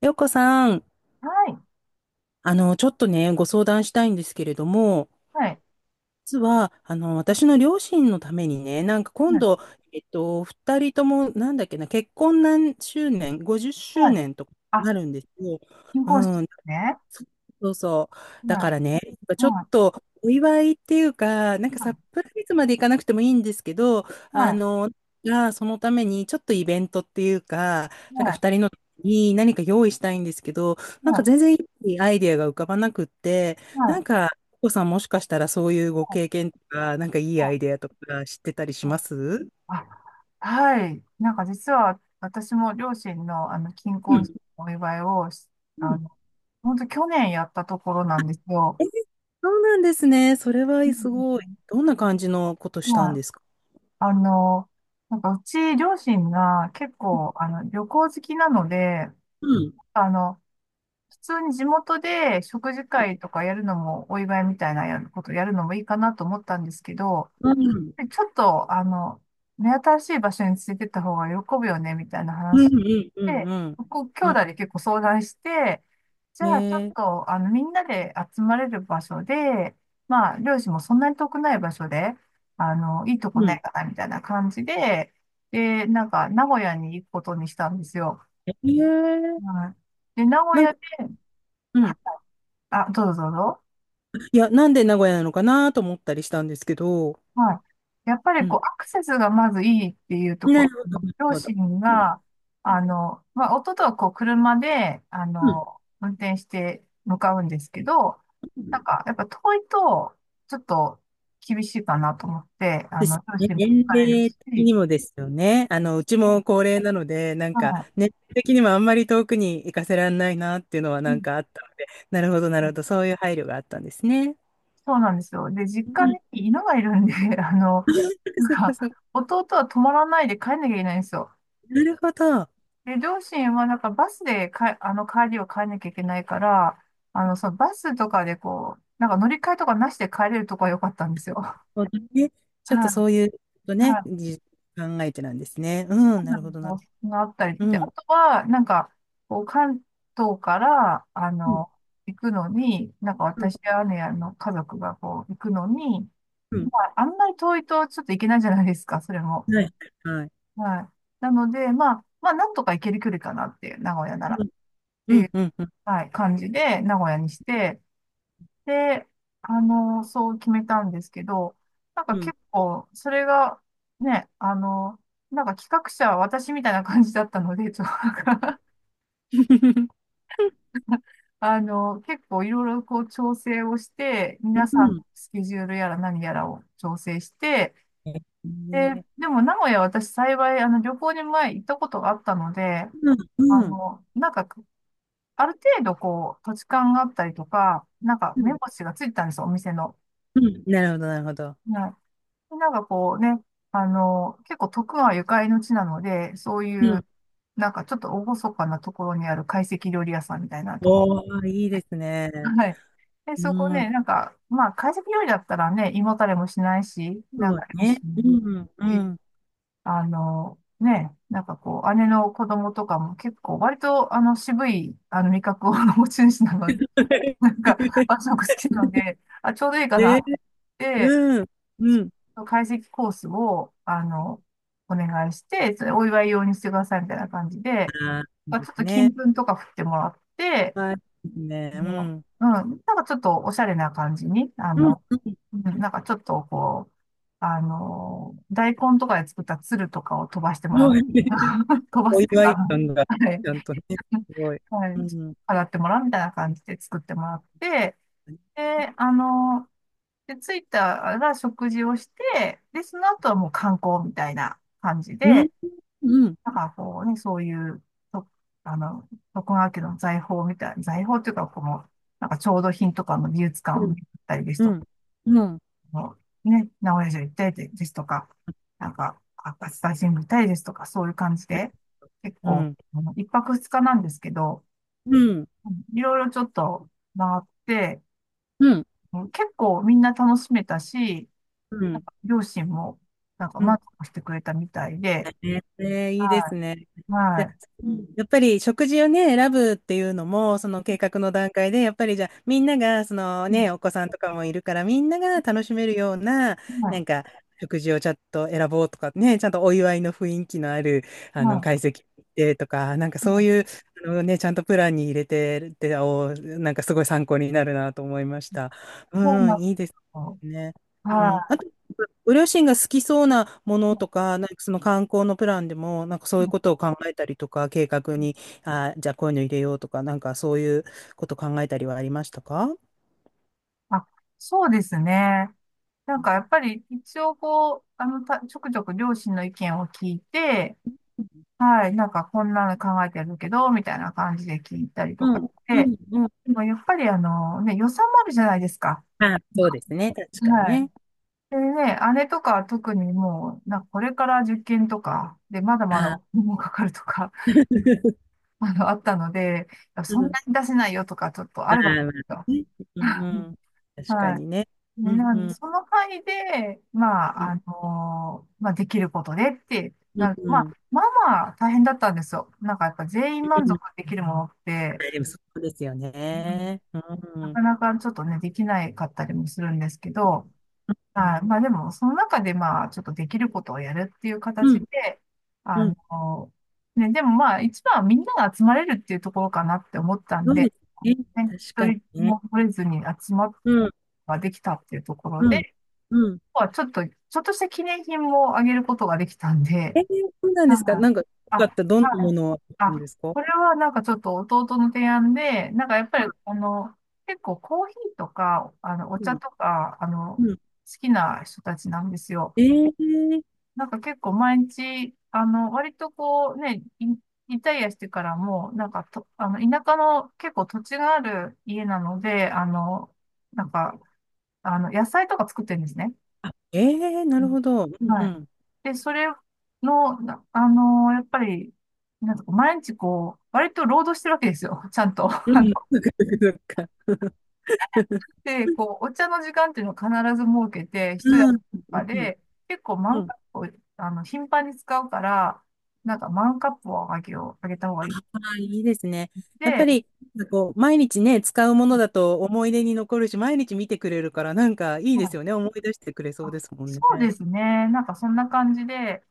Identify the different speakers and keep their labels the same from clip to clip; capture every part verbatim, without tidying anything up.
Speaker 1: ようこさん、
Speaker 2: はい。
Speaker 1: あの、ちょっとね、ご相談したいんですけれども、
Speaker 2: はい。
Speaker 1: 実は、あの、私の両親のためにね、なんか
Speaker 2: は
Speaker 1: 今
Speaker 2: い。
Speaker 1: 度、えっと、二人とも、なんだっけな、結婚何周年、50周
Speaker 2: はい。
Speaker 1: 年とか
Speaker 2: あ、
Speaker 1: なるんですよ。
Speaker 2: 金婚式で
Speaker 1: うん。
Speaker 2: すね。
Speaker 1: そそうそう。だ
Speaker 2: は
Speaker 1: からね、
Speaker 2: い。
Speaker 1: ちょっ
Speaker 2: は
Speaker 1: とお祝いっていうか、なん
Speaker 2: い。
Speaker 1: かサ
Speaker 2: は
Speaker 1: プライズまでいかなくてもいいんですけど、あ
Speaker 2: い。
Speaker 1: の、がそのためにちょっとイベントっていうか、なんか
Speaker 2: はい。
Speaker 1: 二人のに何か用意したいんですけど、なん
Speaker 2: は
Speaker 1: か
Speaker 2: い。
Speaker 1: 全然いいアイデアが浮かばなくって、
Speaker 2: はい。
Speaker 1: な
Speaker 2: は
Speaker 1: ん
Speaker 2: い
Speaker 1: か、お子さんもしかしたらそういうご経験とか、なんかいいアイデアとか知ってたりし
Speaker 2: はい。
Speaker 1: ます？
Speaker 2: あ、はい。なんか実は私も両親のあの、金
Speaker 1: う
Speaker 2: 婚式
Speaker 1: ん
Speaker 2: のお祝いをし、
Speaker 1: う
Speaker 2: あ
Speaker 1: ん。
Speaker 2: の、本当去年やったところなんですよ。
Speaker 1: え、そうなんですね。それは
Speaker 2: うん。
Speaker 1: すごい。どんな感じのことしたん
Speaker 2: は
Speaker 1: で
Speaker 2: い。
Speaker 1: すか？
Speaker 2: あの、なんかうち両親が結構あの、旅行好きなので、
Speaker 1: うん。
Speaker 2: あの、普通に地元で食事会とかやるのも、お祝いみたいなやることやるのもいいかなと思ったんですけど、
Speaker 1: うん
Speaker 2: ちょっと、あの、目新しい場所についてった方が喜ぶよね、みたいな
Speaker 1: う
Speaker 2: 話
Speaker 1: んうんうん。
Speaker 2: で、
Speaker 1: うん。
Speaker 2: 僕、兄
Speaker 1: う
Speaker 2: 弟
Speaker 1: ん。
Speaker 2: で結構相談して、じゃあちょっ
Speaker 1: ねえ。
Speaker 2: と、あの、みんなで集まれる場所で、まあ、両親もそんなに遠くない場所で、あの、いいとこ
Speaker 1: う
Speaker 2: な
Speaker 1: ん。
Speaker 2: いかな、みたいな感じで、で、なんか、名古屋に行くことにしたんですよ。
Speaker 1: ねえ。
Speaker 2: はい。で、名古
Speaker 1: なん
Speaker 2: 屋
Speaker 1: か、
Speaker 2: で、
Speaker 1: う
Speaker 2: は
Speaker 1: ん。
Speaker 2: あ、どうぞどうぞ。
Speaker 1: いや、なんで名古屋なのかなと思ったりしたんですけど、
Speaker 2: はい。やっぱ
Speaker 1: う
Speaker 2: りこ
Speaker 1: ん。
Speaker 2: う、アクセスがまずいいっていうと
Speaker 1: なる
Speaker 2: こ
Speaker 1: ほど、
Speaker 2: ろ。
Speaker 1: なる
Speaker 2: 両
Speaker 1: ほど。
Speaker 2: 親
Speaker 1: うん
Speaker 2: が、あの、まあ、夫とはこう、車で、あ
Speaker 1: うん
Speaker 2: の、運転して向かうんですけど、
Speaker 1: う
Speaker 2: なん
Speaker 1: ん。
Speaker 2: か、やっぱ遠いと、ちょっと厳しいかなと思って、あ
Speaker 1: で
Speaker 2: の、
Speaker 1: す
Speaker 2: 両
Speaker 1: ね。
Speaker 2: 親も
Speaker 1: 年
Speaker 2: 疲れる
Speaker 1: 齢的
Speaker 2: し、
Speaker 1: にもですよね。あの、うちも高齢なので、なんか、
Speaker 2: は
Speaker 1: 年齢的にもあんまり遠くに行かせられないなっていうのは
Speaker 2: い。う
Speaker 1: なんか
Speaker 2: ん
Speaker 1: あったので、なるほど、な
Speaker 2: う
Speaker 1: るほ
Speaker 2: ん。
Speaker 1: ど。そういう配慮があったんですね。
Speaker 2: そうなんですよ。で、実
Speaker 1: う
Speaker 2: 家に
Speaker 1: ん。
Speaker 2: 犬がいるんで、あの、
Speaker 1: そ
Speaker 2: なん
Speaker 1: っか
Speaker 2: か、
Speaker 1: そっか。
Speaker 2: 弟は止まらないで帰んなきゃいけないんですよ。
Speaker 1: なるほど。
Speaker 2: で、両親は、なんかバスでか、あの、帰りを帰んなきゃいけないから、あの、そのバスとかでこう、なんか乗り換えとかなしで帰れるとこは良かったんですよ。
Speaker 1: そうだね。ちょっ
Speaker 2: は
Speaker 1: とそう
Speaker 2: い。
Speaker 1: いうこと
Speaker 2: は
Speaker 1: ね、
Speaker 2: い。
Speaker 1: じ考えてなんですね。うん、
Speaker 2: そう
Speaker 1: な
Speaker 2: な
Speaker 1: る
Speaker 2: ん
Speaker 1: ほ
Speaker 2: で
Speaker 1: ど
Speaker 2: す
Speaker 1: な。
Speaker 2: よ、そのあった
Speaker 1: う
Speaker 2: り。で、あ
Speaker 1: ん。
Speaker 2: とは、なんか、こう、関東から、あ
Speaker 1: うん、
Speaker 2: の、行くのに、なんか
Speaker 1: うん、
Speaker 2: 私や姉やの家族がこう、行くのに、
Speaker 1: うん。
Speaker 2: まあ、あんまり遠いとちょっと行けないじゃないですか、それも。
Speaker 1: はい、はい。
Speaker 2: はい。なので、まあ、まあ、なんとか行ける距離かなっていう、名古屋なら。っ
Speaker 1: うん、
Speaker 2: て
Speaker 1: う
Speaker 2: い
Speaker 1: ん、
Speaker 2: う、
Speaker 1: うん、うん。
Speaker 2: はい、感じで、名古屋にして、で、あの、そう決めたんですけど、なんか
Speaker 1: うん。
Speaker 2: 結構、それが、ね、あの、なんか企画者は私みたいな感じだったので、ちょっとなんか あの、結構いろいろこう調整をして、
Speaker 1: う
Speaker 2: 皆さんの
Speaker 1: ん。
Speaker 2: スケジュールやら何やらを調整して、
Speaker 1: え。
Speaker 2: で、
Speaker 1: ね。
Speaker 2: でも名古屋私幸い、あの、旅行に前行ったことがあったので、
Speaker 1: うん、
Speaker 2: あ
Speaker 1: うん、
Speaker 2: の、なんか、ある程度こう、土地勘があったりとか、なんか
Speaker 1: う
Speaker 2: 目
Speaker 1: ん。
Speaker 2: 星がついてたんですよ、お店の。
Speaker 1: うん。なるほど、なるほど。
Speaker 2: なんかこうね、あの、結構徳川ゆかりの地なので、そう
Speaker 1: う
Speaker 2: い
Speaker 1: ん。
Speaker 2: う、なんかちょっと厳かなところにある懐石料理屋さんみたいなとこ。
Speaker 1: おー、いいですね。
Speaker 2: はい。で、
Speaker 1: う
Speaker 2: そこ
Speaker 1: ん、
Speaker 2: ね、なんか、まあ、懐石料理だったらね、胃もたれもしないし、な
Speaker 1: そ
Speaker 2: んか、
Speaker 1: う
Speaker 2: いいし、
Speaker 1: ね。うん、うん。
Speaker 2: あの、ね、なんかこう、姉の子供とかも結構、割と、あの、渋い、あの、味覚を 持ち主なので、なんか、和 食好きなので、あ、ちょうどいいかな
Speaker 1: で、
Speaker 2: って、
Speaker 1: うん、うん。
Speaker 2: 解析コースを、あの、お願いして、それお祝い用にしてくださいみたいな感じで、
Speaker 1: あ、いい
Speaker 2: まあ
Speaker 1: で
Speaker 2: ちょっ
Speaker 1: す
Speaker 2: と金
Speaker 1: ね。
Speaker 2: 粉とか振ってもらって、
Speaker 1: はい、いいですね。
Speaker 2: あ
Speaker 1: う
Speaker 2: の
Speaker 1: ん。
Speaker 2: うん、なんかちょっとおしゃれな感じに、あ
Speaker 1: うん、
Speaker 2: の、
Speaker 1: う
Speaker 2: うん、なんかちょっとこう、あの、大根とかで作った鶴とかを飛ばしても
Speaker 1: ん。そ
Speaker 2: ら
Speaker 1: う
Speaker 2: う。
Speaker 1: ね。
Speaker 2: 飛ば
Speaker 1: お
Speaker 2: すっていう
Speaker 1: 祝
Speaker 2: か、
Speaker 1: い
Speaker 2: あの
Speaker 1: 感が、
Speaker 2: はい。
Speaker 1: ちゃんとね、すごい。
Speaker 2: は
Speaker 1: う
Speaker 2: い。
Speaker 1: ん。
Speaker 2: 飾ってもらうみたいな感じで作ってもらって、
Speaker 1: うん、
Speaker 2: で、あの、で、着いたら食事をして、で、その後はもう観光みたいな感じ
Speaker 1: う
Speaker 2: で、
Speaker 1: ん、
Speaker 2: なんかこうね、そういう、と、あの、徳川家の財宝みたいな、財宝っていうか、この、なんか調度品とかの美術館を
Speaker 1: うん、
Speaker 2: 見たりです
Speaker 1: う
Speaker 2: とか、
Speaker 1: ん、うん、うん、
Speaker 2: もうね、名古屋城行ったりですとか、なんか、赤スタジム行ったりですとか、そういう感じで、結
Speaker 1: う
Speaker 2: 構、
Speaker 1: ん、
Speaker 2: あのいっぱくふつかなんですけど、
Speaker 1: うん、
Speaker 2: うん、いろいろちょっと回って、
Speaker 1: うん、
Speaker 2: うん、結構みんな楽しめたし、
Speaker 1: うん。
Speaker 2: 両親も、なんか満足してくれたみたいで、
Speaker 1: ね、ね、いいで
Speaker 2: は
Speaker 1: すね。
Speaker 2: い、
Speaker 1: じ
Speaker 2: は
Speaker 1: ゃあ、
Speaker 2: い、
Speaker 1: うん、やっぱり食事をね、選ぶっていうのも、その計画の段階で、やっぱりじゃあ、みんなが、そのね、
Speaker 2: う
Speaker 1: お子さんとかもいるから、みんなが楽しめるような、
Speaker 2: ん、
Speaker 1: な
Speaker 2: は
Speaker 1: んか、食事をちゃんと選ぼうとかね、ちゃんとお祝いの雰囲気のある、
Speaker 2: い、
Speaker 1: あの、
Speaker 2: は
Speaker 1: 会席でとか、なんか
Speaker 2: い、
Speaker 1: そ
Speaker 2: は
Speaker 1: う
Speaker 2: い、
Speaker 1: いう、あのね、ちゃんとプランに入れてるって、お、なんかすごい参考になるなと思いました。
Speaker 2: そう
Speaker 1: う
Speaker 2: なん
Speaker 1: ん、
Speaker 2: です
Speaker 1: いいです
Speaker 2: よ。
Speaker 1: ね。うん。
Speaker 2: は
Speaker 1: ご両親が好きそうなも
Speaker 2: い。
Speaker 1: のと
Speaker 2: う
Speaker 1: か、なんかその観光のプランでも、なんかそう
Speaker 2: んう
Speaker 1: いう
Speaker 2: ん。
Speaker 1: ことを考えたりとか、計画に、あー、じゃあこういうの入れようとか、なんかそういうこと考えたりはありましたか？
Speaker 2: あ、そうですね。なんかやっぱり一応こう、あの、た、ちょくちょく両親の意見を聞いて、はい、なんかこんなの考えてるけど、みたいな感じで聞いたりと
Speaker 1: う
Speaker 2: かし
Speaker 1: ん、う
Speaker 2: て、
Speaker 1: ん、うん。
Speaker 2: でもやっぱりあの、ね、予算もあるじゃないですか。
Speaker 1: あー、そうですね。確かに
Speaker 2: はい。
Speaker 1: ね。
Speaker 2: でね、あれとか特にもう、なんかこれから受験とか、で、まだまだお
Speaker 1: あ
Speaker 2: 金もかかるとか、
Speaker 1: ー、
Speaker 2: あの、あったので、いや
Speaker 1: う
Speaker 2: そんな
Speaker 1: ん、
Speaker 2: に出せないよとか、ちょっとあ
Speaker 1: あ
Speaker 2: れば
Speaker 1: ー、まあね。うん、うん、確か
Speaker 2: は
Speaker 1: にね。
Speaker 2: い。ね、
Speaker 1: うん、
Speaker 2: な
Speaker 1: う
Speaker 2: んで、
Speaker 1: ん、
Speaker 2: その範囲で、ま
Speaker 1: うん、
Speaker 2: あ、あのーまあ、できることでって、
Speaker 1: う
Speaker 2: な
Speaker 1: ん、
Speaker 2: る、ま
Speaker 1: うん。
Speaker 2: あ、まあまあ大変だったんですよ。なんかやっぱ全員満足できるものって、
Speaker 1: でもそうですよ
Speaker 2: うん、
Speaker 1: ね。う
Speaker 2: な
Speaker 1: ん、うん、
Speaker 2: かなかちょっとね、できないかったりもするんですけど、はい。まあでも、その中でまあ、ちょっとできることをやるっていう
Speaker 1: う
Speaker 2: 形
Speaker 1: ん、
Speaker 2: で、あ
Speaker 1: うん。
Speaker 2: の、ね、でもまあ、一番はみんなが集まれるっていうところかなって思った
Speaker 1: そ
Speaker 2: ん
Speaker 1: う
Speaker 2: で、
Speaker 1: ですね。
Speaker 2: ね、
Speaker 1: 確
Speaker 2: 一
Speaker 1: かに
Speaker 2: 人
Speaker 1: ね。
Speaker 2: も取れずに集まるこ
Speaker 1: うん、
Speaker 2: とができたっていうところ
Speaker 1: うん、
Speaker 2: で、
Speaker 1: うん。
Speaker 2: まあ、ちょっと、ちょっとした記念品もあげることができたんで、
Speaker 1: えー、そうな ん
Speaker 2: は
Speaker 1: ですか。な
Speaker 2: い。
Speaker 1: んか、よ
Speaker 2: あ、
Speaker 1: か
Speaker 2: は
Speaker 1: った。どんなも
Speaker 2: い。
Speaker 1: のなん
Speaker 2: あ、
Speaker 1: ですか？
Speaker 2: これはなんかちょっと弟の提案で、なんかやっぱ
Speaker 1: うん
Speaker 2: り、あの、結構コーヒーとか、あの、お
Speaker 1: う
Speaker 2: 茶
Speaker 1: ん
Speaker 2: とか、あの、好
Speaker 1: うん。
Speaker 2: きな人たちなんですよ。
Speaker 1: えー、
Speaker 2: なんか結構毎日、あの、割とこうね、イリタイアしてからも、なんかと、あの、田舎の結構土地がある家なので、あの、なんか、あの、野菜とか作ってるんですね。
Speaker 1: あ、えー、な
Speaker 2: う
Speaker 1: る
Speaker 2: ん。
Speaker 1: ほど。うんう
Speaker 2: はい。
Speaker 1: ん。
Speaker 2: で、それの、なあの、やっぱり、なんかこう毎日こう、割と労働してるわけですよ。ちゃんと。
Speaker 1: う
Speaker 2: あ
Speaker 1: ん、そっかそっかそっか。
Speaker 2: で、こう、お茶の時間っていうのを必ず設けて、一
Speaker 1: う
Speaker 2: 役
Speaker 1: ん、
Speaker 2: と
Speaker 1: う
Speaker 2: か
Speaker 1: ん、
Speaker 2: で、結構マン
Speaker 1: う
Speaker 2: カ
Speaker 1: ん。
Speaker 2: ップを、あの、頻繁に使うから、なんかマンカップをあげよう、あげた方がいい。
Speaker 1: ああ、いいですね。やっぱ
Speaker 2: で、
Speaker 1: り、なんかこう、毎日ね、使うものだと思い出に残るし、毎日見てくれるから、なんかいい
Speaker 2: ま
Speaker 1: で
Speaker 2: あ、
Speaker 1: すよね。思い出してくれそう
Speaker 2: あ、
Speaker 1: ですもん
Speaker 2: そ
Speaker 1: ね。
Speaker 2: うですね。なんかそんな感じで、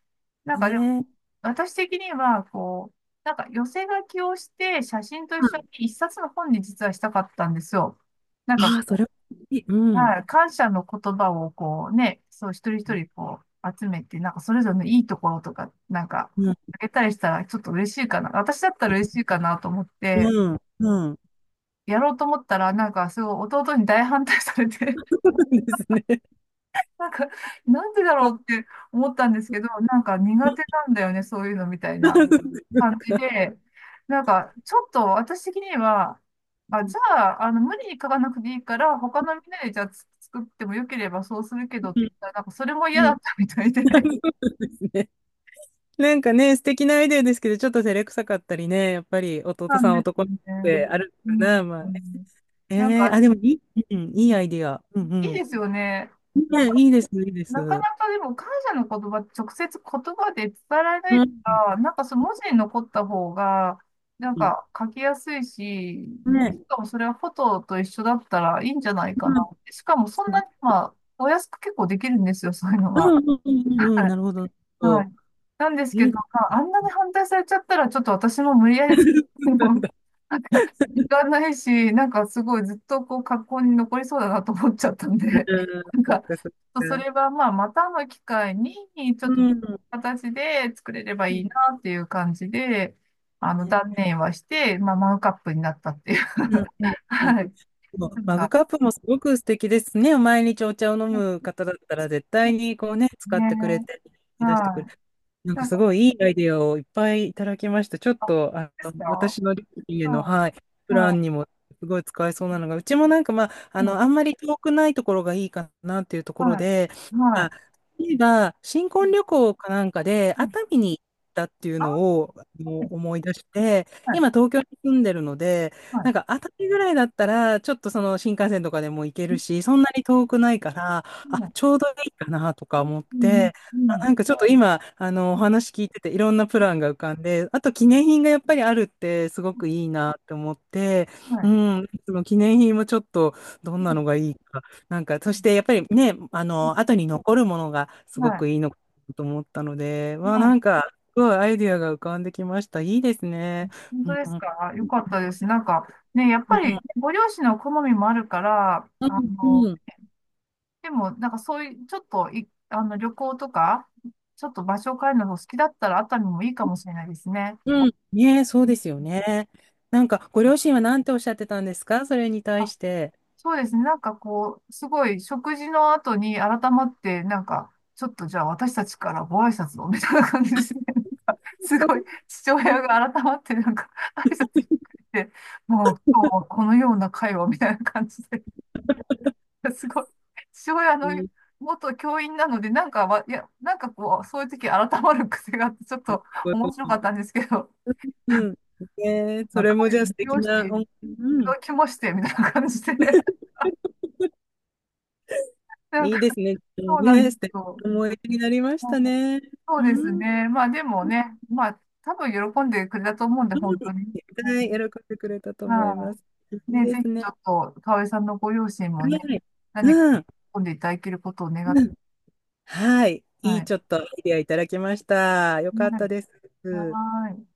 Speaker 2: なんか
Speaker 1: ね
Speaker 2: でも、
Speaker 1: え。う
Speaker 2: 私的には、こう、なんか寄せ書きをして、写真と一緒に
Speaker 1: ん。
Speaker 2: 一冊の本に実はしたかったんですよ。なんか
Speaker 1: ああー、そ
Speaker 2: こ
Speaker 1: れはいい。う
Speaker 2: う、
Speaker 1: ん。
Speaker 2: はい、感謝の言葉をこうね、そう一人一
Speaker 1: う
Speaker 2: 人こう集めて、なんかそれぞれのいいところとか、なんかあ
Speaker 1: ん。
Speaker 2: げたりしたらちょっと嬉しいかな。私だったら嬉しいかなと思って、
Speaker 1: うん。うん。
Speaker 2: やろうと思ったら、なんかすごい弟に大反対されて、
Speaker 1: そうですね。
Speaker 2: なんか、なんでだろうっ て思ったんですけど、なんか苦手なんだよね、そういうのみたいな。
Speaker 1: う
Speaker 2: 感じで、なんか、ちょっと私的には、あ、じ
Speaker 1: ん
Speaker 2: ゃあ、あの、無理に書かなくていいから、他のみんなでじゃあつ作ってもよければそうするけどって言ったら、なんかそれも嫌
Speaker 1: う
Speaker 2: だ
Speaker 1: ん。
Speaker 2: ったみたいで。
Speaker 1: ね。なんかね、素敵なアイデアですけど、ちょっと照れくさかったりね、やっぱり弟
Speaker 2: なん
Speaker 1: さん
Speaker 2: です
Speaker 1: 男
Speaker 2: よ
Speaker 1: の子
Speaker 2: ね。
Speaker 1: である
Speaker 2: う
Speaker 1: のかな、まあね。
Speaker 2: ん。なん
Speaker 1: えー、
Speaker 2: か、
Speaker 1: あ、でもいい、うん、いいアイデア。うんう
Speaker 2: いい
Speaker 1: ん。
Speaker 2: ですよね。
Speaker 1: ね、いいです、いいです。
Speaker 2: なか
Speaker 1: う
Speaker 2: なかでも感謝の言葉って直接言葉で伝えられないか
Speaker 1: ん。
Speaker 2: ら、なんかその文字に残った方が、なんか書きやすいし、ね、し
Speaker 1: ね。
Speaker 2: かもそれはフォトと一緒だったらいいんじゃないか
Speaker 1: う
Speaker 2: な。
Speaker 1: ん
Speaker 2: しかもそんなに、まあ、お安く結構できるんですよ、そういうの
Speaker 1: う
Speaker 2: が。
Speaker 1: んうんうん。うん、なるほど。
Speaker 2: は
Speaker 1: そ
Speaker 2: い。なんです
Speaker 1: う、
Speaker 2: け
Speaker 1: い
Speaker 2: ど、
Speaker 1: いで
Speaker 2: まあ、あんなに反対されちゃったら、ちょっと私も無理やり作
Speaker 1: す
Speaker 2: るの
Speaker 1: ね。
Speaker 2: 行かないし、なんかすごいずっとこう格好に残りそうだなと思っちゃったん
Speaker 1: う
Speaker 2: で、
Speaker 1: ん、
Speaker 2: なん
Speaker 1: そっ
Speaker 2: か、ちょ
Speaker 1: かそっか。
Speaker 2: っとそれはまあまたの機会に、ちょっ
Speaker 1: うん
Speaker 2: と
Speaker 1: うん。
Speaker 2: 形で作れればいいなっていう感じで、あの、断
Speaker 1: ね。
Speaker 2: 念はして、まあマグカップになったっていう。
Speaker 1: うんうん。
Speaker 2: はい。なん
Speaker 1: マグ
Speaker 2: か、
Speaker 1: カップもすごく素敵ですね。毎日お茶を飲む方だったら絶対にこうね、使っ
Speaker 2: ね、
Speaker 1: てくれて、出してく
Speaker 2: は
Speaker 1: れ。
Speaker 2: い。
Speaker 1: なん
Speaker 2: な
Speaker 1: か
Speaker 2: ん
Speaker 1: す
Speaker 2: か、
Speaker 1: ごいいいアイデアをいっぱいいただきました。ちょっ
Speaker 2: あ、
Speaker 1: と、あ
Speaker 2: で
Speaker 1: の、
Speaker 2: すか、は
Speaker 1: 私の家の、はい、
Speaker 2: い。
Speaker 1: プラ
Speaker 2: は
Speaker 1: ンにもすごい使えそうなのが、うちもなんかまあ、あ
Speaker 2: い。はい。
Speaker 1: の、あんまり遠くないところがいいかなっていうところ
Speaker 2: はい。
Speaker 1: で、まあ、
Speaker 2: は
Speaker 1: 例えば、新
Speaker 2: い。うん
Speaker 1: 婚旅行かなんかで
Speaker 2: うん。
Speaker 1: 熱海に行ったっていう
Speaker 2: あ、
Speaker 1: のをあの
Speaker 2: はい。
Speaker 1: 思い出して、
Speaker 2: はい。
Speaker 1: 今東京に住んでるので、
Speaker 2: はい。
Speaker 1: なんか熱海ぐらいだったら、ちょっとその新幹線とかでも行け
Speaker 2: う
Speaker 1: るし、そんなに遠くないから、あ、
Speaker 2: ん
Speaker 1: ちょうどいいかなとか思っ
Speaker 2: うん
Speaker 1: て、
Speaker 2: う
Speaker 1: あ、
Speaker 2: ん
Speaker 1: なんかちょっと今、あの、お
Speaker 2: うん。
Speaker 1: 話聞いてて、いろんなプランが浮かんで、あと記念品がやっぱりあるって、すごくいいなって思って、
Speaker 2: は
Speaker 1: う
Speaker 2: い
Speaker 1: ん、その記念品もちょっと、どんなのがいいか、なんか、そしてやっぱりね、あの、後に残るものがす
Speaker 2: は
Speaker 1: ご
Speaker 2: い。
Speaker 1: くいいのかと思ったので、わあ、
Speaker 2: は
Speaker 1: な
Speaker 2: い。
Speaker 1: んか、すごいアイディアが浮かんできました。いいですね。
Speaker 2: 本
Speaker 1: う
Speaker 2: 当
Speaker 1: ん、
Speaker 2: です
Speaker 1: うん、
Speaker 2: か、よかったです。なんか、ね、やっぱり、ねご両親の好みもあるから、
Speaker 1: う
Speaker 2: あ
Speaker 1: ん、
Speaker 2: の、
Speaker 1: うん。
Speaker 2: でも、なんかそういう、ちょっとい、あの、旅行とか、ちょっと場所を変えるのが好きだったら、熱海もいいかもしれないですね。
Speaker 1: うん。ねえ、そうですよね。なんか、ご両親は何ておっしゃってたんですか？それに対して。
Speaker 2: そうですね。なんかこう、すごい食事の後に改まって、なんか、ちょっとじゃあ私たちからご挨拶をみたいな感じですね。なんかす
Speaker 1: そう。
Speaker 2: ごい父親が改まって、なんか挨拶してくれて、もう今日はこのような会話みたいな感じで、すごい。父親の元教員なので、なんかわ、いや、なんかこう、そういう時改まる癖があって、ちょっと面白かったんですけど、
Speaker 1: うん。ねえ、
Speaker 2: な
Speaker 1: そ
Speaker 2: ん
Speaker 1: れ
Speaker 2: か
Speaker 1: も
Speaker 2: 会
Speaker 1: じゃあ
Speaker 2: 議利
Speaker 1: 素敵
Speaker 2: 用し
Speaker 1: な
Speaker 2: てい
Speaker 1: 思い、う
Speaker 2: た
Speaker 1: ん。
Speaker 2: だきまして、みたいな感じで、なん
Speaker 1: い
Speaker 2: か
Speaker 1: いですね。
Speaker 2: そうなん
Speaker 1: ね
Speaker 2: で
Speaker 1: え、
Speaker 2: す
Speaker 1: 素敵
Speaker 2: よ。
Speaker 1: な思い出になりましたね。
Speaker 2: そう
Speaker 1: う
Speaker 2: です
Speaker 1: ん。うん。
Speaker 2: ね。まあでもね、まあ多分喜んでくれたと思うんで、
Speaker 1: は
Speaker 2: 本当に。
Speaker 1: い、
Speaker 2: うん、
Speaker 1: 喜んでくれたと思
Speaker 2: ま
Speaker 1: いま
Speaker 2: あ、
Speaker 1: す。いい
Speaker 2: ね、
Speaker 1: で
Speaker 2: ぜひ
Speaker 1: す
Speaker 2: ちょ
Speaker 1: ね。
Speaker 2: っと、かおりさんのご両親も
Speaker 1: は
Speaker 2: ね、
Speaker 1: い。
Speaker 2: 何
Speaker 1: う
Speaker 2: か
Speaker 1: ん。
Speaker 2: 喜んでいただけることを願っ
Speaker 1: う
Speaker 2: て、
Speaker 1: ん。はい。い
Speaker 2: は
Speaker 1: い
Speaker 2: い。
Speaker 1: ちょっとアイデアいただきました。よかっ
Speaker 2: は
Speaker 1: た
Speaker 2: い。
Speaker 1: です。
Speaker 2: はーい。